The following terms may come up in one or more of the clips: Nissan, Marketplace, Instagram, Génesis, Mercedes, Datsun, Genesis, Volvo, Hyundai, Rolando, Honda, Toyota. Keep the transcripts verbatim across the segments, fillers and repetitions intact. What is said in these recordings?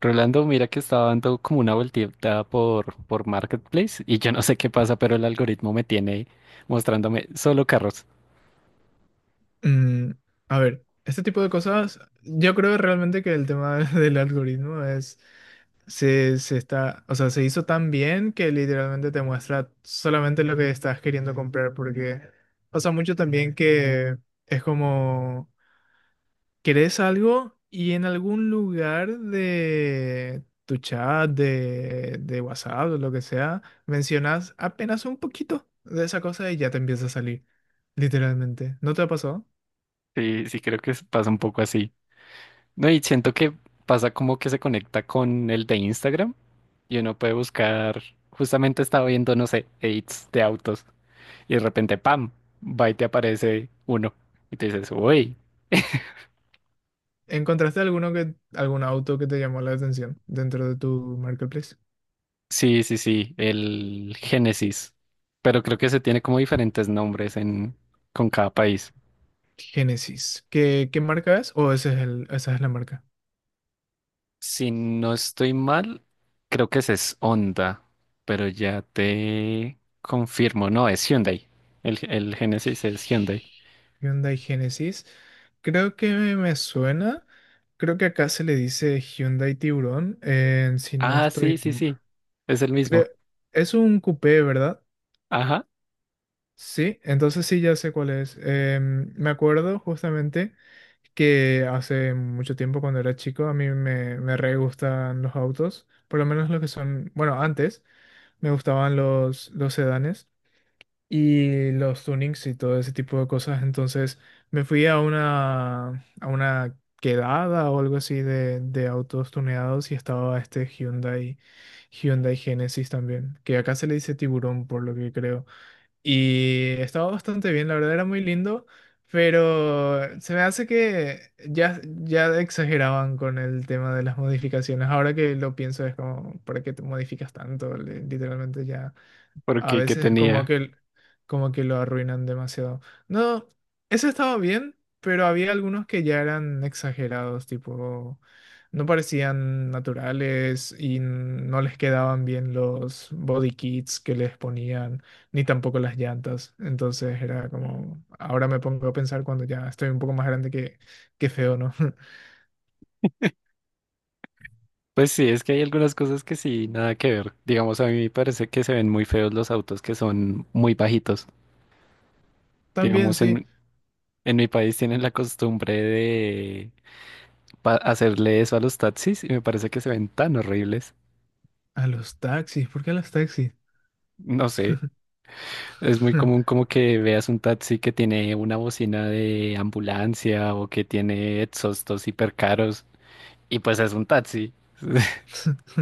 Rolando, mira que estaba dando como una vueltita por, por Marketplace y yo no sé qué pasa, pero el algoritmo me tiene mostrándome solo carros. Mm, a ver, este tipo de cosas, yo creo realmente que el tema del algoritmo es, se, se está, o sea, se hizo tan bien que literalmente te muestra solamente lo que estás queriendo comprar, porque pasa mucho también que es como, querés algo y en algún lugar de tu chat, de, de WhatsApp o lo que sea, mencionas apenas un poquito de esa cosa y ya te empieza a salir, literalmente. ¿No te ha pasado? Sí, sí, creo que es- pasa un poco así. No, y siento que pasa como que se conecta con el de Instagram y uno puede buscar, justamente estaba viendo, no sé, edits de autos y de repente, ¡pam!, va y te aparece uno y te dices, uy, ¿Encontraste alguno que, algún auto que te llamó la atención dentro de tu marketplace? sí, sí, sí, el Génesis, pero creo que se tiene como diferentes nombres en, con cada país. Genesis. ¿Qué, qué marca es? ¿O ese es el, esa es la marca? Si no estoy mal, creo que ese es Honda, pero ya te confirmo. No, es Hyundai. El, el Genesis es Hyundai. Hyundai Genesis. Creo que me, me suena. Creo que acá se le dice Hyundai Tiburón, eh, si no Ah, sí, estoy. sí, sí. Ma- Es el creo, mismo. es un coupé, ¿verdad? Ajá, Sí, entonces sí, ya sé cuál es. Em, me acuerdo justamente que hace mucho tiempo cuando era chico a mí me, me re gustan los autos, por lo menos los que son, bueno, antes me gustaban los, los sedanes y los tunings y todo ese tipo de cosas, entonces me fui a una, a una quedada o algo así de, de autos tuneados y estaba este Hyundai, Hyundai Genesis también, que acá se le dice tiburón por lo que creo. Y estaba bastante bien, la verdad era muy lindo, pero se me hace que ya, ya exageraban con el tema de las modificaciones. Ahora que lo pienso es como, ¿para qué te modificas tanto? Le- literalmente ya... A porque que veces como tenía. que, como que lo arruinan demasiado. No, eso estaba bien, pero había algunos que ya eran exagerados, tipo, no parecían naturales y no les quedaban bien los body kits que les ponían, ni tampoco las llantas. Entonces era como, ahora me pongo a pensar cuando ya estoy un poco más grande que, que feo, ¿no? Pues sí, es que hay algunas cosas que sí, nada que ver. Digamos, a mí me parece que se ven muy feos los autos que son muy bajitos. También Digamos, sí, en, en mi país tienen la costumbre de pa- hacerle eso a los taxis y me parece que se ven tan horribles. a los taxis, ¿por qué a los taxis? No sé. Es muy común como que veas un taxi que tiene una bocina de ambulancia o que tiene exhaustos hiper caros y pues es un taxi.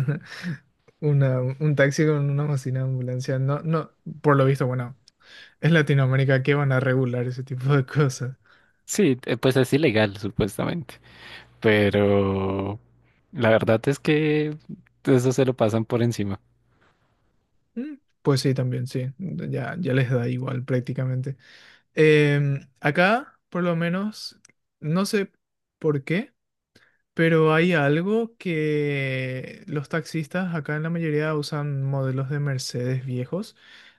Una, un taxi con una bocina de ambulancia. No, no, por lo visto, bueno, es Latinoamérica que van a regular ese tipo de cosas. Sí, eh, pues es ilegal supuestamente, pero la verdad es que eso se lo pasan por encima. Mm, pues sí, también, sí. Ya, ya les da igual prácticamente. Em, acá, por lo menos, no sé por qué. Pero hay algo que los taxistas acá en la mayoría usan modelos de Mercedes viejos.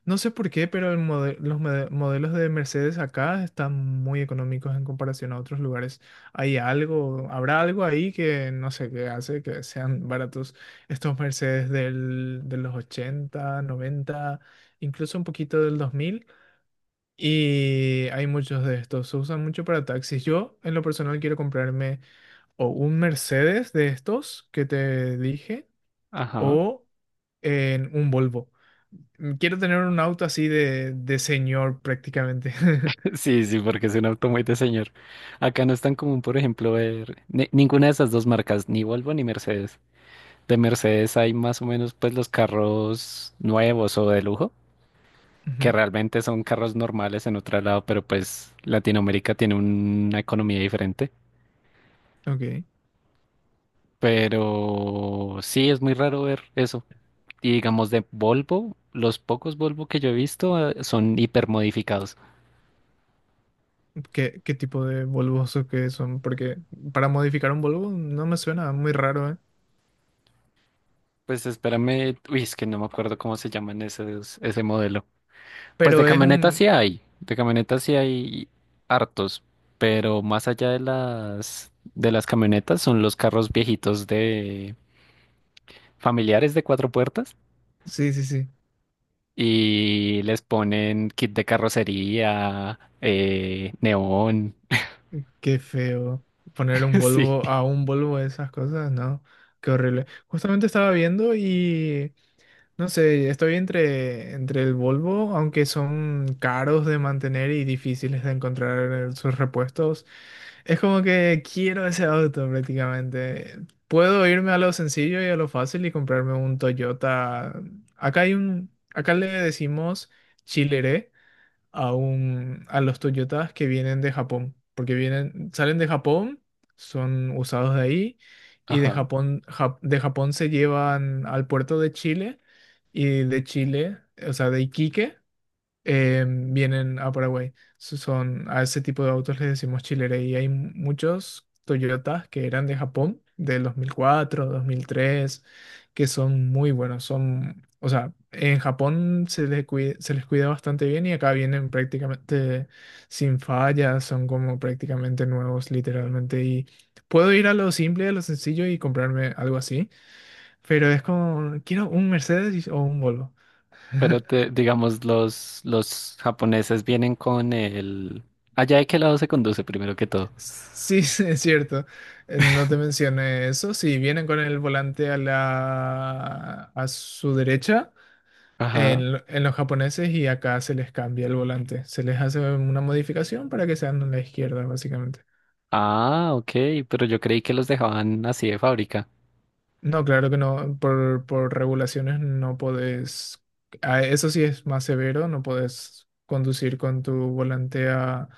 No sé por qué, pero el mode- los mode- modelos de Mercedes acá están muy económicos en comparación a otros lugares. Hay algo, habrá algo ahí que no sé qué hace que sean baratos estos Mercedes del, de los ochenta noventa, incluso un poquito del dos mil. Y hay muchos de estos, se usan mucho para taxis. Yo, en lo personal, quiero comprarme o un Mercedes de estos que te dije Ajá. o en un Volvo. Mm, quiero tener un auto así de, de señor prácticamente. Sí, sí, porque es un auto muy de señor. Acá no es tan común, por ejemplo, ver ni- ninguna de esas dos marcas, ni Volvo ni Mercedes. De Mercedes hay más o menos pues los carros nuevos o de lujo, que Ujú, realmente son carros normales en otro lado, pero pues Latinoamérica tiene una economía diferente. ok. Pero sí, es muy raro ver eso. Y digamos de Volvo, los pocos Volvo que yo he visto eh, son hipermodificados. ¿Qué, qué tipo de Volvos o qué son? Porque para modificar un Volvo no me suena muy raro, ¿eh? Pues espérame, uy, es que no me acuerdo cómo se llaman esos, ese modelo. Pues de Pero es camionetas un... sí hay, de camionetas sí hay hartos, pero más allá de las de las camionetas son los carros viejitos de familiares de cuatro puertas Sí, sí, sí. y les ponen kit de carrocería, eh, neón, Qué feo. Ponerle un sí, Volvo a un Volvo de esas cosas, ¿no? Qué horrible. Justamente estaba viendo y... No sé, estoy entre, entre el Volvo, aunque son caros de mantener y difíciles de encontrar sus repuestos. Es como que quiero ese auto prácticamente. Puedo irme a lo sencillo y a lo fácil y comprarme un Toyota. Acá hay un, acá le decimos Chilere a un, a los Toyotas que vienen de Japón, porque vienen, salen de Japón, son usados de ahí, y de ajá. Japón, Jap- de Japón se llevan al puerto de Chile, y de Chile, o sea, de Iquique, eh, vienen a Paraguay. So- son, a ese tipo de autos les decimos chilere y hay muchos Toyotas que eran de Japón, del dos mil cuatro, dos mil tres, que son muy buenos. Son, o sea, en Japón se les cuida, se les cuida bastante bien y acá vienen prácticamente sin fallas, son como prácticamente nuevos, literalmente. Y puedo ir a lo simple, a lo sencillo y comprarme algo así, pero es como, quiero un Mercedes y- o un Volvo. Pero te- digamos, los, los japoneses vienen con el... ¿Allá de qué lado se conduce primero que todo? Sí, es cierto. Eh, No te mencioné eso. Si vienen con el volante a la a su derecha, Ajá. en, lo- en los japoneses y acá se les cambia el volante. Se les hace una modificación para que sean a la izquierda, básicamente. Ah, ok, pero yo creí que los dejaban así de fábrica. No, claro que no. Por, por regulaciones no podés. ah, Eso sí es más severo, no podés conducir con tu volante a,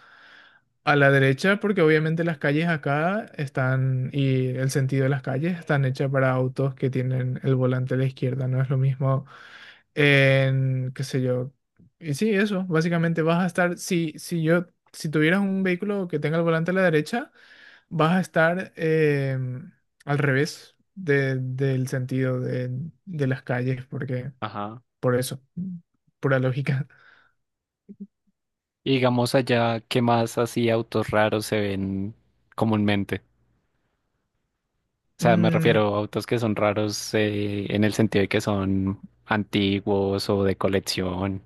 a la derecha, porque obviamente las calles acá están, y el sentido de las calles están hechas para autos que tienen el volante a la izquierda. No es lo mismo en, qué sé yo. Y sí, eso. Básicamente vas a estar. Si, si yo, si tuvieras un vehículo que tenga el volante a la derecha. Vas a estar eh, al revés de- del sentido de, de las calles, porque Ajá. por eso, pura lógica. Y digamos allá, ¿qué más así autos raros se ven comúnmente? O sea, me Mm, refiero a autos que son raros eh, en el sentido de que son antiguos o de colección.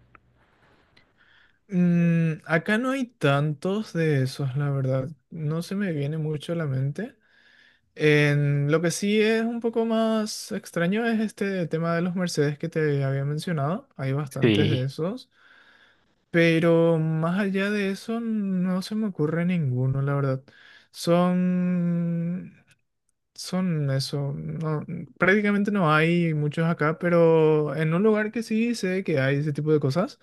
mm, acá no hay tantos de esos, la verdad. No se me viene mucho a la mente. En, lo que sí es un poco más extraño es este tema de los Mercedes que te había mencionado. Hay bastantes de Sí, esos. Pero más allá de eso, no se me ocurre ninguno, la verdad. Son son eso, no, prácticamente no hay muchos acá, pero en un lugar que sí sé que hay ese tipo de cosas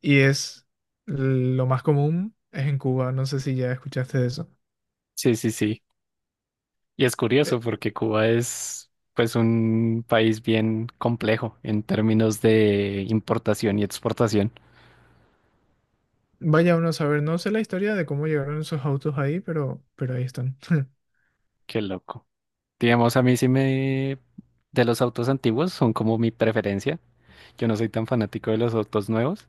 y es lo más común es en Cuba, no sé si ya escuchaste de eso. sí, sí, sí. Y es Eh, curioso porque Cuba es pues un país bien complejo en términos de importación y exportación. Vaya uno a saber, no sé la historia de cómo llegaron esos autos ahí, pero, pero ahí están. Qué loco. Digamos, a mí sí me... De los autos antiguos son como mi preferencia. Yo no soy tan fanático de los autos nuevos.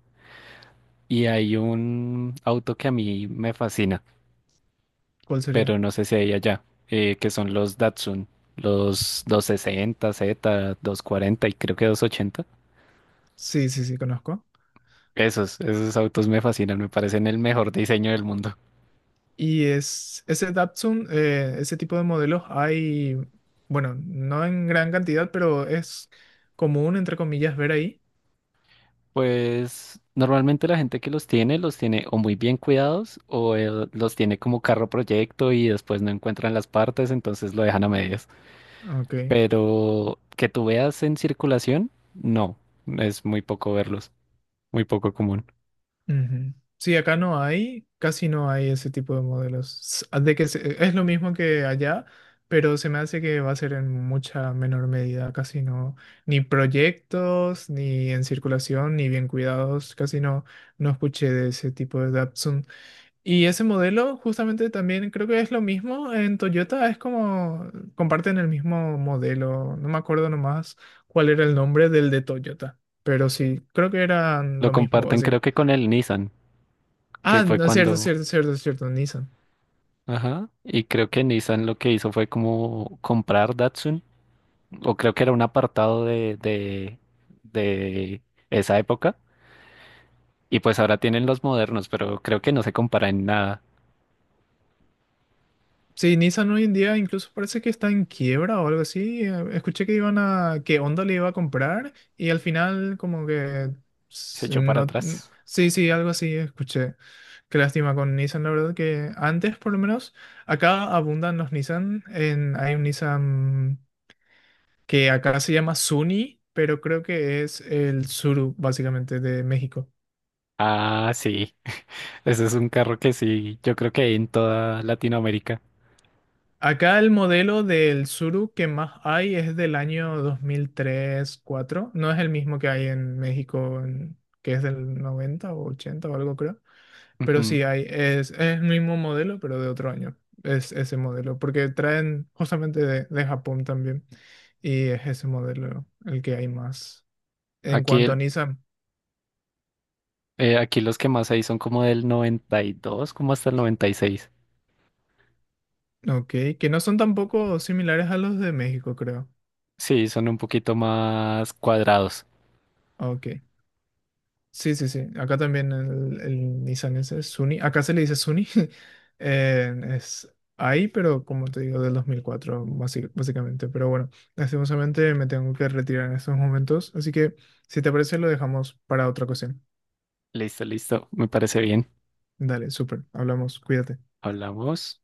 Y hay un auto que a mí me fascina, ¿Cuál sería? pero no sé si hay allá, eh, que son los Datsun, los doscientos sesenta Z, doscientos cuarenta y creo que doscientos ochenta. Sí, sí, sí, conozco. Esos, esos autos me fascinan, me parecen el mejor diseño del mundo. Y es ese Datsun, eh, ese tipo de modelos hay, bueno, no en gran cantidad, pero es común, entre comillas, ver ahí. Pues normalmente la gente que los tiene los tiene o muy bien cuidados o eh, los tiene como carro proyecto y después no encuentran las partes, entonces lo dejan a medias. Ok. Pero que tú veas en circulación, no, es muy poco verlos, muy poco común. Ujú. Sí, acá no hay, casi no hay ese tipo de modelos. S- de que se- es lo mismo que allá, pero se me hace que va a ser en mucha menor medida, casi no, ni proyectos, ni en circulación, ni bien cuidados, casi no, no escuché de ese tipo de Datsun. Y ese modelo justamente también creo que es lo mismo en Toyota, es como comparten el mismo modelo, no me acuerdo nomás cuál era el nombre del de Toyota, pero sí, creo que eran Lo lo mismo, comparten creo que con el Nissan, que ah, fue no, es cierto, es cuando... cierto, es cierto, es cierto, Nissan. Ajá, y creo que Nissan lo que hizo fue como comprar Datsun o creo que era un apartado de, de, de esa época. Y pues ahora tienen los modernos, pero creo que no se compara en nada. Sí, Nissan hoy en día incluso parece que está en quiebra o algo así. Eh, Escuché que iban a, que Honda le iba a comprar y al final como que Se s- echó para no, n- atrás. sí, sí, algo así escuché. Qué lástima con Nissan, la verdad que antes por lo menos acá abundan los Nissan. En, hay un Nissan que acá se llama Sunny, pero creo que es el Suru básicamente de México. Ah, sí. Ese es un carro que sí, yo creo que hay en toda Latinoamérica. Acá el modelo del Tsuru que más hay es del año dos mil tres cuatro. No es el mismo que hay en México, en- que es del noventa o ochenta o algo creo. Pero Ujú. sí hay, es, es el mismo modelo, pero de otro año. Es ese modelo, porque traen justamente de, de Japón también. Y es ese modelo el que hay más. En Aquí, cuanto a el, Nissan, eh, aquí los que más hay son como del noventa y dos, como hasta el noventa y seis. ok, que no son tampoco similares a los de México, creo. Sí, son un poquito más cuadrados. Ok. Sí, sí, sí. Acá también el, el Nissan ese es Sunny. Acá se le dice Sunny. Eh, es ahí, pero como te digo, del dos mil cuatro, basi- básicamente. Pero bueno, lastimosamente me tengo que retirar en estos momentos. Así que, si te parece, lo dejamos para otra ocasión. Listo, listo. Me parece bien. Dale, súper. Hablamos. Cuídate. Hablamos.